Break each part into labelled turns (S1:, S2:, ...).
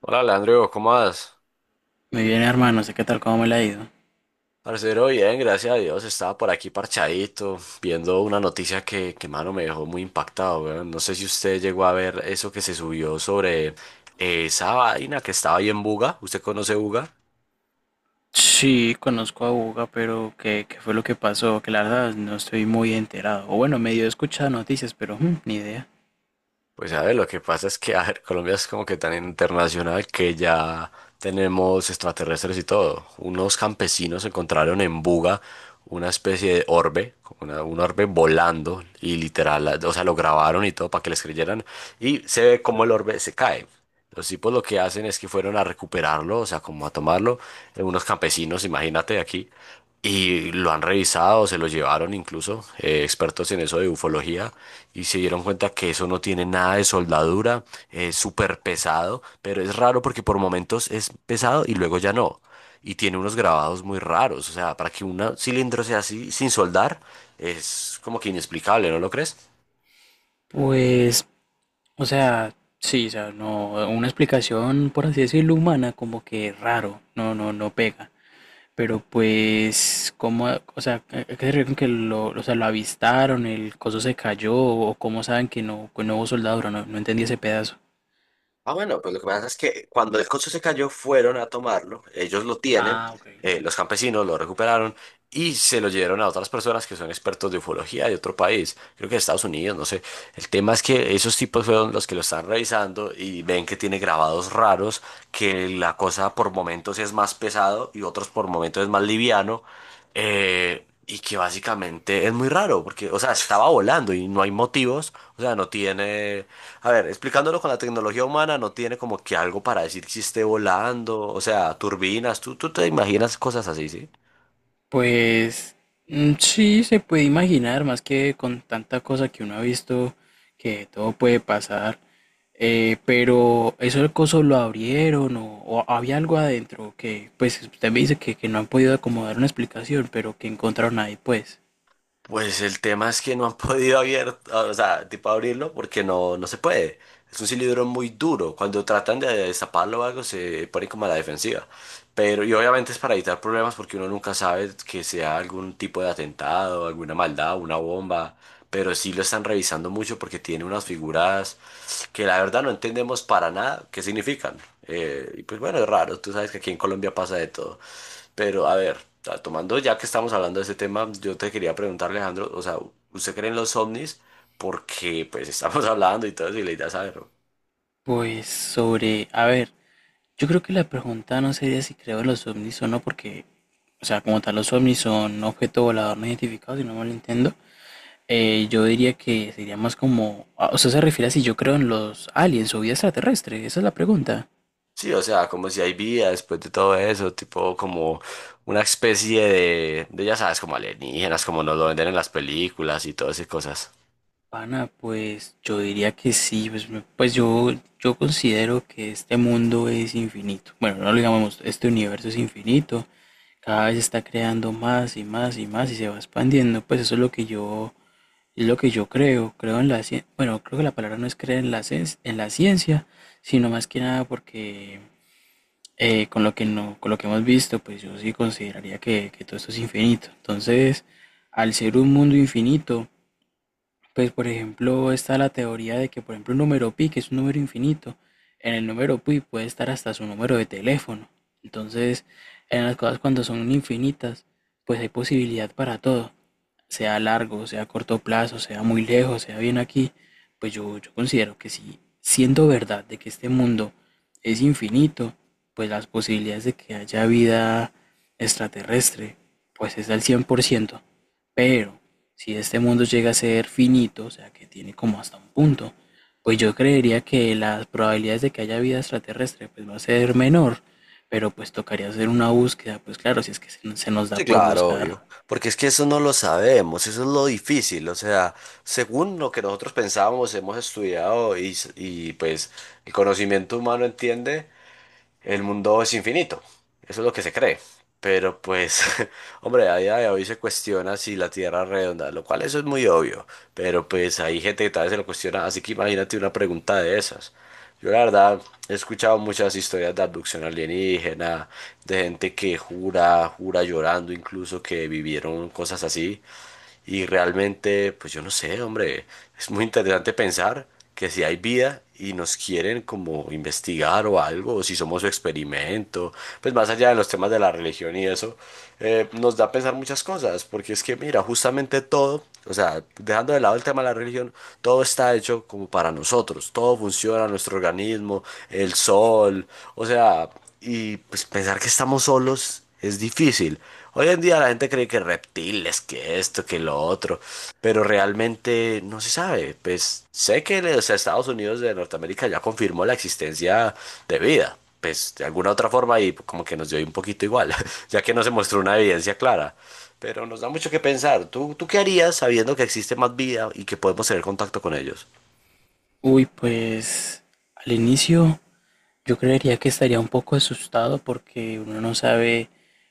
S1: Hola, Leandro, ¿cómo vas?
S2: Muy bien, hermano, sé qué tal, cómo me la ha ido.
S1: Parcero, bien, gracias a Dios. Estaba por aquí parchadito, viendo una noticia que mano, me dejó muy impactado, weón. No sé si usted llegó a ver eso que se subió sobre esa vaina que estaba ahí en Buga. ¿Usted conoce Buga?
S2: Sí, conozco a Buga, pero ¿qué fue lo que pasó? Que la verdad no estoy muy enterado. O bueno, medio he escuchado noticias, pero ni idea.
S1: Pues a ver, lo que pasa es que a ver, Colombia es como que tan internacional que ya tenemos extraterrestres y todo. Unos campesinos encontraron en Buga una especie de orbe, como un orbe volando y literal, o sea, lo grabaron y todo para que les creyeran y se ve como el orbe se cae. Los tipos lo que hacen es que fueron a recuperarlo, o sea, como a tomarlo, unos campesinos, imagínate aquí, y lo han revisado, se lo llevaron incluso expertos en eso de ufología y se dieron cuenta que eso no tiene nada de soldadura, es súper pesado, pero es raro porque por momentos es pesado y luego ya no. Y tiene unos grabados muy raros, o sea, para que un cilindro sea así sin soldar es como que inexplicable, ¿no lo crees?
S2: Pues, o sea, sí, o sea, no, una explicación, por así decirlo, humana, como que raro, no, no, no pega. Pero pues, ¿cómo, o sea, a qué se refiere con que lo, o sea, lo avistaron, el coso se cayó, o cómo saben que no, hubo soldadura? No, no entendí ese pedazo.
S1: Ah, bueno, pues lo que pasa es que cuando el coche se cayó fueron a tomarlo, ellos lo tienen,
S2: Ah, ok.
S1: los campesinos lo recuperaron y se lo llevaron a otras personas que son expertos de ufología de otro país, creo que de Estados Unidos, no sé. El tema es que esos tipos fueron los que lo están revisando y ven que tiene grabados raros, que la cosa por momentos es más pesado y otros por momentos es más liviano. Y que básicamente es muy raro, porque, o sea, estaba volando y no hay motivos, o sea, no tiene a ver, explicándolo con la tecnología humana, no tiene como que algo para decir si esté volando, o sea, turbinas, tú te imaginas cosas así, ¿sí?
S2: Pues sí, se puede imaginar, más que con tanta cosa que uno ha visto, que todo puede pasar, pero eso el coso lo abrieron o, había algo adentro que, pues usted me dice que no han podido acomodar una explicación, pero que encontraron ahí, pues.
S1: Pues el tema es que no han podido abrir, o sea, tipo abrirlo porque no se puede. Es un cilindro muy duro. Cuando tratan de destaparlo o algo, se pone como a la defensiva. Pero, y obviamente es para evitar problemas porque uno nunca sabe que sea algún tipo de atentado, alguna maldad, una bomba. Pero sí lo están revisando mucho porque tiene unas figuras que la verdad no entendemos para nada qué significan. Y pues bueno, es raro. Tú sabes que aquí en Colombia pasa de todo. Pero a ver, tomando ya que estamos hablando de ese tema, yo te quería preguntar, Alejandro, o sea, ¿usted cree en los ovnis? Porque pues estamos hablando y todo eso y la idea es saberlo.
S2: Pues a ver, yo creo que la pregunta no sería si creo en los ovnis o no, porque, o sea, como tal, los ovnis son objeto volador no identificado, si no mal entiendo. Yo diría que sería más como, ah, o sea, se refiere a si yo creo en los aliens o vida extraterrestre, esa es la pregunta.
S1: Sí, o sea, como si hay vida después de todo eso, tipo como una especie de ya sabes, como alienígenas, como nos lo venden en las películas y todas esas cosas.
S2: Pana, pues yo diría que sí, pues, pues yo considero que este mundo es infinito. Bueno, no lo digamos, este universo es infinito, cada vez está creando más y más y más y se va expandiendo, pues eso es lo que yo, creo, creo en la ciencia. Bueno, creo que la palabra no es creer en la ciencia, sino más que nada porque con lo que no, con lo que hemos visto, pues yo sí consideraría que todo esto es infinito. Entonces, al ser un mundo infinito, pues por ejemplo está la teoría de que, por ejemplo, un número pi, que es un número infinito, en el número pi puede estar hasta su número de teléfono. Entonces, en las cosas cuando son infinitas, pues hay posibilidad para todo, sea a largo, sea a corto plazo, sea muy lejos, sea bien aquí, pues yo considero que si siendo verdad de que este mundo es infinito, pues las posibilidades de que haya vida extraterrestre, pues es al 100%. Pero si este mundo llega a ser finito, o sea que tiene como hasta un punto, pues yo creería que las probabilidades de que haya vida extraterrestre pues va a ser menor, pero pues tocaría hacer una búsqueda, pues claro, si es que se nos da
S1: Sí,
S2: por
S1: claro,
S2: buscar.
S1: obvio. Porque es que eso no lo sabemos, eso es lo difícil. O sea, según lo que nosotros pensábamos, hemos estudiado y pues el conocimiento humano entiende, el mundo es infinito. Eso es lo que se cree. Pero pues, hombre, a día de hoy se cuestiona si la Tierra es redonda, lo cual eso es muy obvio. Pero pues hay gente que tal vez se lo cuestiona, así que imagínate una pregunta de esas. Yo la verdad he escuchado muchas historias de abducción alienígena, de gente que jura, jura llorando incluso que vivieron cosas así. Y realmente, pues yo no sé, hombre, es muy interesante pensar que si hay vida y nos quieren como investigar o algo, o si somos su experimento, pues más allá de los temas de la religión y eso, nos da a pensar muchas cosas, porque es que mira, justamente todo, o sea, dejando de lado el tema de la religión, todo está hecho como para nosotros, todo funciona, nuestro organismo, el sol, o sea, y pues pensar que estamos solos es difícil. Hoy en día la gente cree que reptiles, que esto, que lo otro, pero realmente no se sabe. Pues sé que los Estados Unidos de Norteamérica ya confirmó la existencia de vida, pues de alguna otra forma y como que nos dio un poquito igual, ya que no se mostró una evidencia clara. Pero nos da mucho que pensar. ¿Tú qué harías sabiendo que existe más vida y que podemos tener contacto con ellos?
S2: Uy, pues al inicio yo creería que estaría un poco asustado porque uno no sabe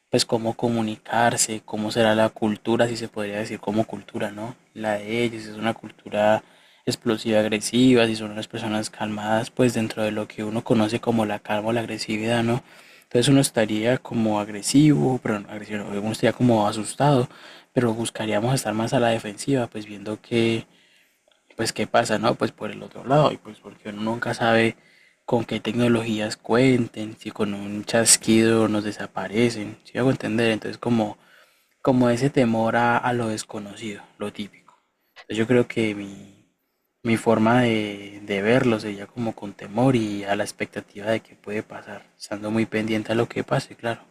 S2: pues cómo comunicarse, cómo será la cultura, si se podría decir como cultura, ¿no? La de ellos, si es una cultura explosiva, agresiva, si son unas personas calmadas, pues dentro de lo que uno conoce como la calma o la agresividad, ¿no? Entonces uno estaría como agresivo, pero no agresivo, uno estaría como asustado, pero buscaríamos estar más a la defensiva, pues viendo que pues qué pasa, ¿no? Pues por el otro lado, y pues porque uno nunca sabe con qué tecnologías cuenten, si con un chasquido nos desaparecen, si hago entender, entonces como ese temor a lo desconocido, lo típico. Entonces yo creo que mi, forma de verlo sería como con temor y a la expectativa de que puede pasar, estando muy pendiente a lo que pase, claro.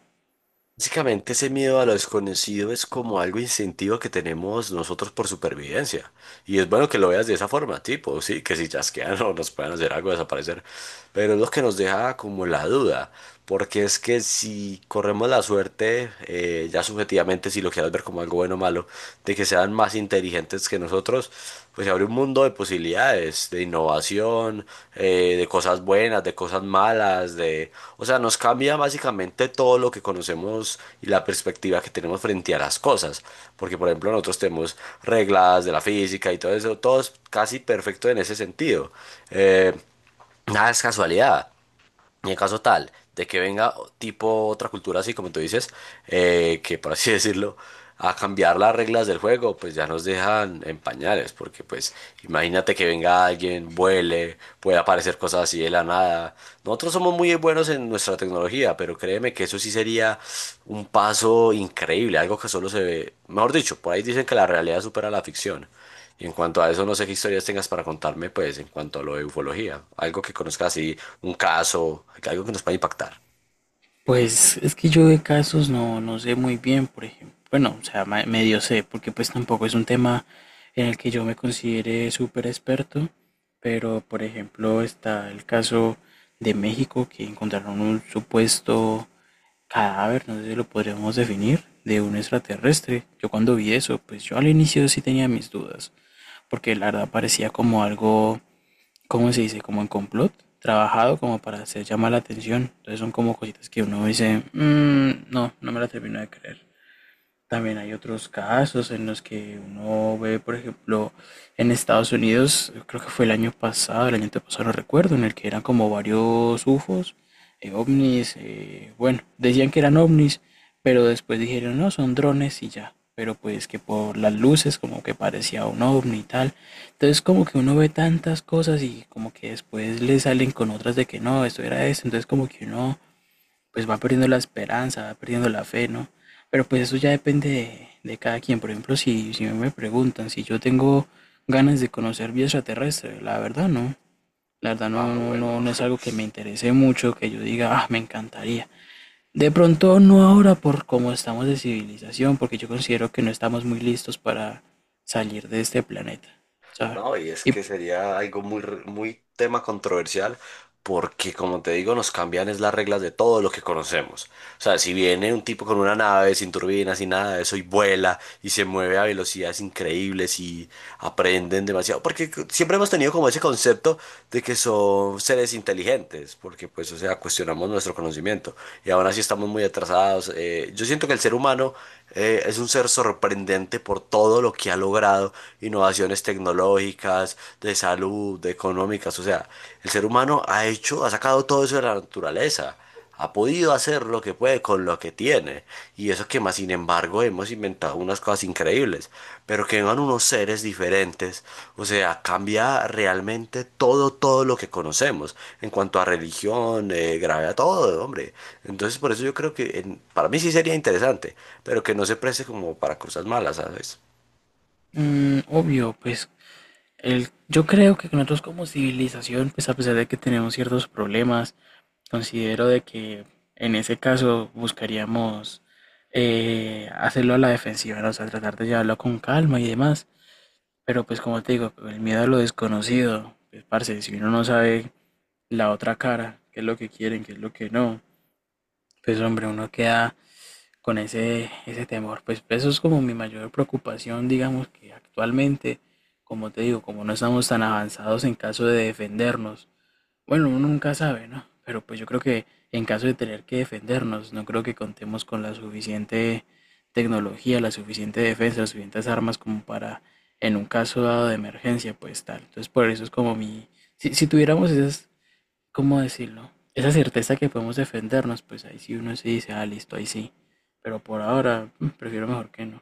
S1: Básicamente ese miedo a lo desconocido es como algo instintivo que tenemos nosotros por supervivencia. Y es bueno que lo veas de esa forma, tipo, sí, que si chasquean o nos pueden hacer algo desaparecer. Pero es lo que nos deja como la duda, porque es que si corremos la suerte, ya subjetivamente, si lo quieres ver como algo bueno o malo, de que sean más inteligentes inteligentes que nosotros, pues se abre un mundo de posibilidades, de innovación, de cosas buenas, de cosas malas, de, o sea, nos cambia básicamente todo lo que conocemos y la perspectiva que tenemos frente a las cosas, porque por ejemplo nosotros tenemos reglas de la física y todo eso, todo es casi perfecto en ese sentido. Eh, Nada es casualidad. Y en caso tal de que venga tipo otra cultura así como tú dices, que por así decirlo, a cambiar las reglas del juego, pues ya nos dejan en pañales, porque pues imagínate que venga alguien, vuele, puede aparecer cosas así de la nada. Nosotros somos muy buenos en nuestra tecnología, pero créeme que eso sí sería un paso increíble, algo que solo se ve, mejor dicho, por ahí dicen que la realidad supera la ficción. Y en cuanto a eso, no sé qué historias tengas para contarme, pues, en cuanto a lo de ufología. Algo que conozcas así, un caso, algo que nos pueda impactar.
S2: Pues es que yo de casos no sé muy bien, por ejemplo. Bueno, o sea, medio sé, porque pues tampoco es un tema en el que yo me considere súper experto, pero por ejemplo está el caso de México que encontraron un supuesto cadáver, no sé si lo podríamos definir, de un extraterrestre. Yo cuando vi eso, pues yo al inicio sí tenía mis dudas, porque la verdad parecía como algo ¿cómo se dice? Como en complot, trabajado como para hacer llamar la atención. Entonces son como cositas que uno dice, "Mm, no, no me la termino de creer". También hay otros casos en los que uno ve, por ejemplo, en Estados Unidos, creo que fue el año pasado, el año antepasado, no recuerdo, en el que eran como varios UFOs, ovnis, bueno, decían que eran ovnis, pero después dijeron, no, son drones y ya, pero pues que por las luces como que parecía un ovni y tal. Entonces como que uno ve tantas cosas y como que después le salen con otras de que no, esto era esto, entonces como que uno pues va perdiendo la esperanza, va perdiendo la fe, ¿no? Pero pues eso ya depende de, cada quien. Por ejemplo, si me preguntan si yo tengo ganas de conocer vida extraterrestre, la verdad no. La verdad no,
S1: Ah,
S2: no, no,
S1: bueno.
S2: no es algo que me interese mucho, que yo diga, ah, me encantaría. De pronto no ahora por cómo estamos de civilización, porque yo considero que no estamos muy listos para salir de este planeta, ¿sabes?
S1: No, y es
S2: Y
S1: que sería algo muy tema controversial. Porque, como te digo, nos cambian es las reglas de todo lo que conocemos. O sea, si viene un tipo con una nave sin turbinas y nada de eso y vuela y se mueve a velocidades increíbles y aprenden demasiado. Porque siempre hemos tenido como ese concepto de que son seres inteligentes, porque pues, o sea, cuestionamos nuestro conocimiento y aún así estamos muy atrasados. Yo siento que el ser humano es un ser sorprendente por todo lo que ha logrado, innovaciones tecnológicas, de salud, de económicas. O sea, el ser humano ha hecho, ha sacado todo eso de la naturaleza. Ha podido hacer lo que puede con lo que tiene. Y eso que más, sin embargo, hemos inventado unas cosas increíbles. Pero que vengan unos seres diferentes. O sea, cambia realmente todo, todo lo que conocemos. En cuanto a religión, gravedad, todo, hombre. Entonces, por eso yo creo que para mí sí sería interesante. Pero que no se preste como para cosas malas, ¿sabes?
S2: obvio, pues yo creo que nosotros como civilización, pues a pesar de que tenemos ciertos problemas, considero de que en ese caso buscaríamos hacerlo a la defensiva, ¿no? O sea, tratar de llevarlo con calma y demás. Pero pues como te digo, el miedo a lo desconocido, pues parce, si uno no sabe la otra cara, qué es lo que quieren, qué es lo que no, pues hombre, uno queda con ese, temor. Pues eso es como mi mayor preocupación, digamos que actualmente, como te digo, como no estamos tan avanzados en caso de defendernos, bueno, uno nunca sabe, ¿no? Pero pues yo creo que en caso de tener que defendernos, no creo que contemos con la suficiente tecnología, la suficiente defensa, las suficientes armas como para, en un caso dado de emergencia, pues tal. Entonces por eso es como mi... si, tuviéramos esas, ¿cómo decirlo? Esa certeza que podemos defendernos, pues ahí sí uno se dice, ah, listo, ahí sí. Pero por ahora, prefiero mejor que no.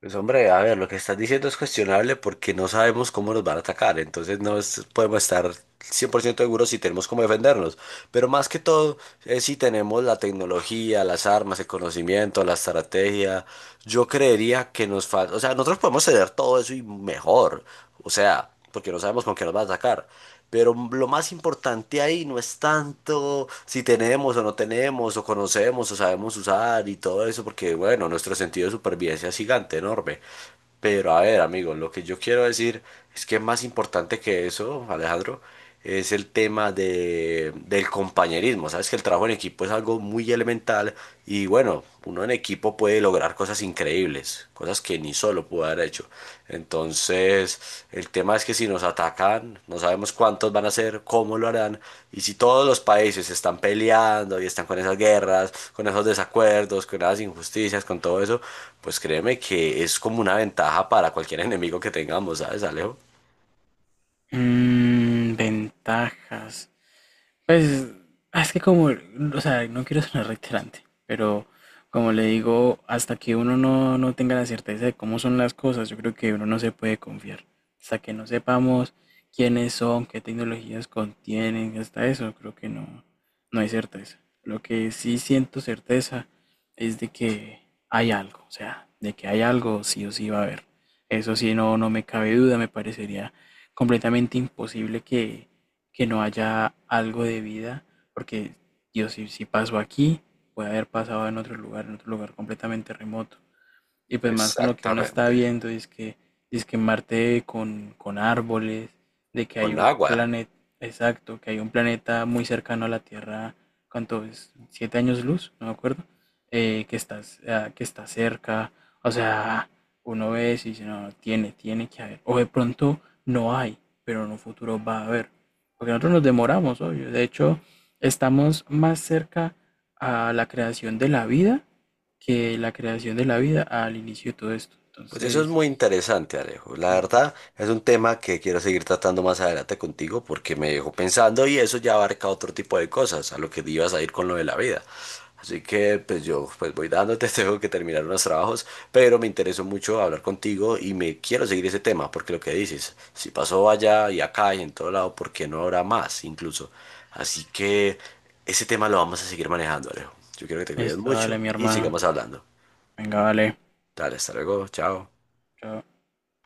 S1: Pues hombre, a ver, lo que estás diciendo es cuestionable porque no sabemos cómo nos van a atacar, entonces no es- podemos estar 100% seguros si tenemos cómo defendernos, pero más que todo es si tenemos la tecnología, las armas, el conocimiento, la estrategia. Yo creería que nos falta, o sea, nosotros podemos tener todo eso y mejor, o sea porque no sabemos con qué nos va a atacar. Pero lo más importante ahí no es tanto si tenemos o no tenemos, o conocemos o sabemos usar y todo eso, porque bueno, nuestro sentido de supervivencia es gigante, enorme. Pero a ver, amigos, lo que yo quiero decir es que más importante que eso, Alejandro, es el tema del compañerismo. Sabes que el trabajo en equipo es algo muy elemental y bueno, uno en equipo puede lograr cosas increíbles, cosas que ni solo pudo haber hecho. Entonces, el tema es que si nos atacan, no sabemos cuántos van a ser, cómo lo harán, y si todos los países están peleando y están con esas guerras, con esos desacuerdos, con esas injusticias, con todo eso, pues créeme que es como una ventaja para cualquier enemigo que tengamos, ¿sabes, Alejo?
S2: Mm, ventajas. Pues es que como, o sea, no quiero sonar reiterante, pero como le digo, hasta que uno no, tenga la certeza de cómo son las cosas, yo creo que uno no se puede confiar. Hasta que no sepamos quiénes son, qué tecnologías contienen, hasta eso, creo que no, hay certeza. Lo que sí siento certeza es de que hay algo, o sea, de que hay algo sí o sí va a haber. Eso sí, no, me cabe duda, me parecería completamente imposible que no haya algo de vida, porque Dios, si pasó aquí, puede haber pasado en otro lugar completamente remoto. Y pues más con lo que uno está
S1: Exactamente.
S2: viendo, es que Marte con árboles, de que hay
S1: Con
S2: un
S1: agua.
S2: planeta, exacto, que hay un planeta muy cercano a la Tierra, ¿cuánto es? ¿7 años luz? No me acuerdo. Que está cerca. O sea, uno ve eso y dice, no, no, tiene, tiene que haber. O de pronto no hay, pero en un futuro va a haber. Porque nosotros nos demoramos, obvio. De hecho, estamos más cerca a la creación de la vida que la creación de la vida al inicio de todo esto.
S1: Pues eso es
S2: Entonces,
S1: muy interesante, Alejo. La
S2: mm,
S1: verdad es un tema que quiero seguir tratando más adelante contigo porque me dejó pensando y eso ya abarca otro tipo de cosas a lo que ibas a ir con lo de la vida. Así que pues yo pues voy dándote, tengo que terminar unos trabajos, pero me interesó mucho hablar contigo y me quiero seguir ese tema porque lo que dices, si pasó allá y acá y en todo lado, ¿por qué no habrá más incluso? Así que ese tema lo vamos a seguir manejando, Alejo. Yo quiero que te cuides
S2: esto,
S1: mucho
S2: dale, mi
S1: y
S2: hermano.
S1: sigamos hablando.
S2: Venga, vale.
S1: Dale, hasta luego, chao.
S2: Chao.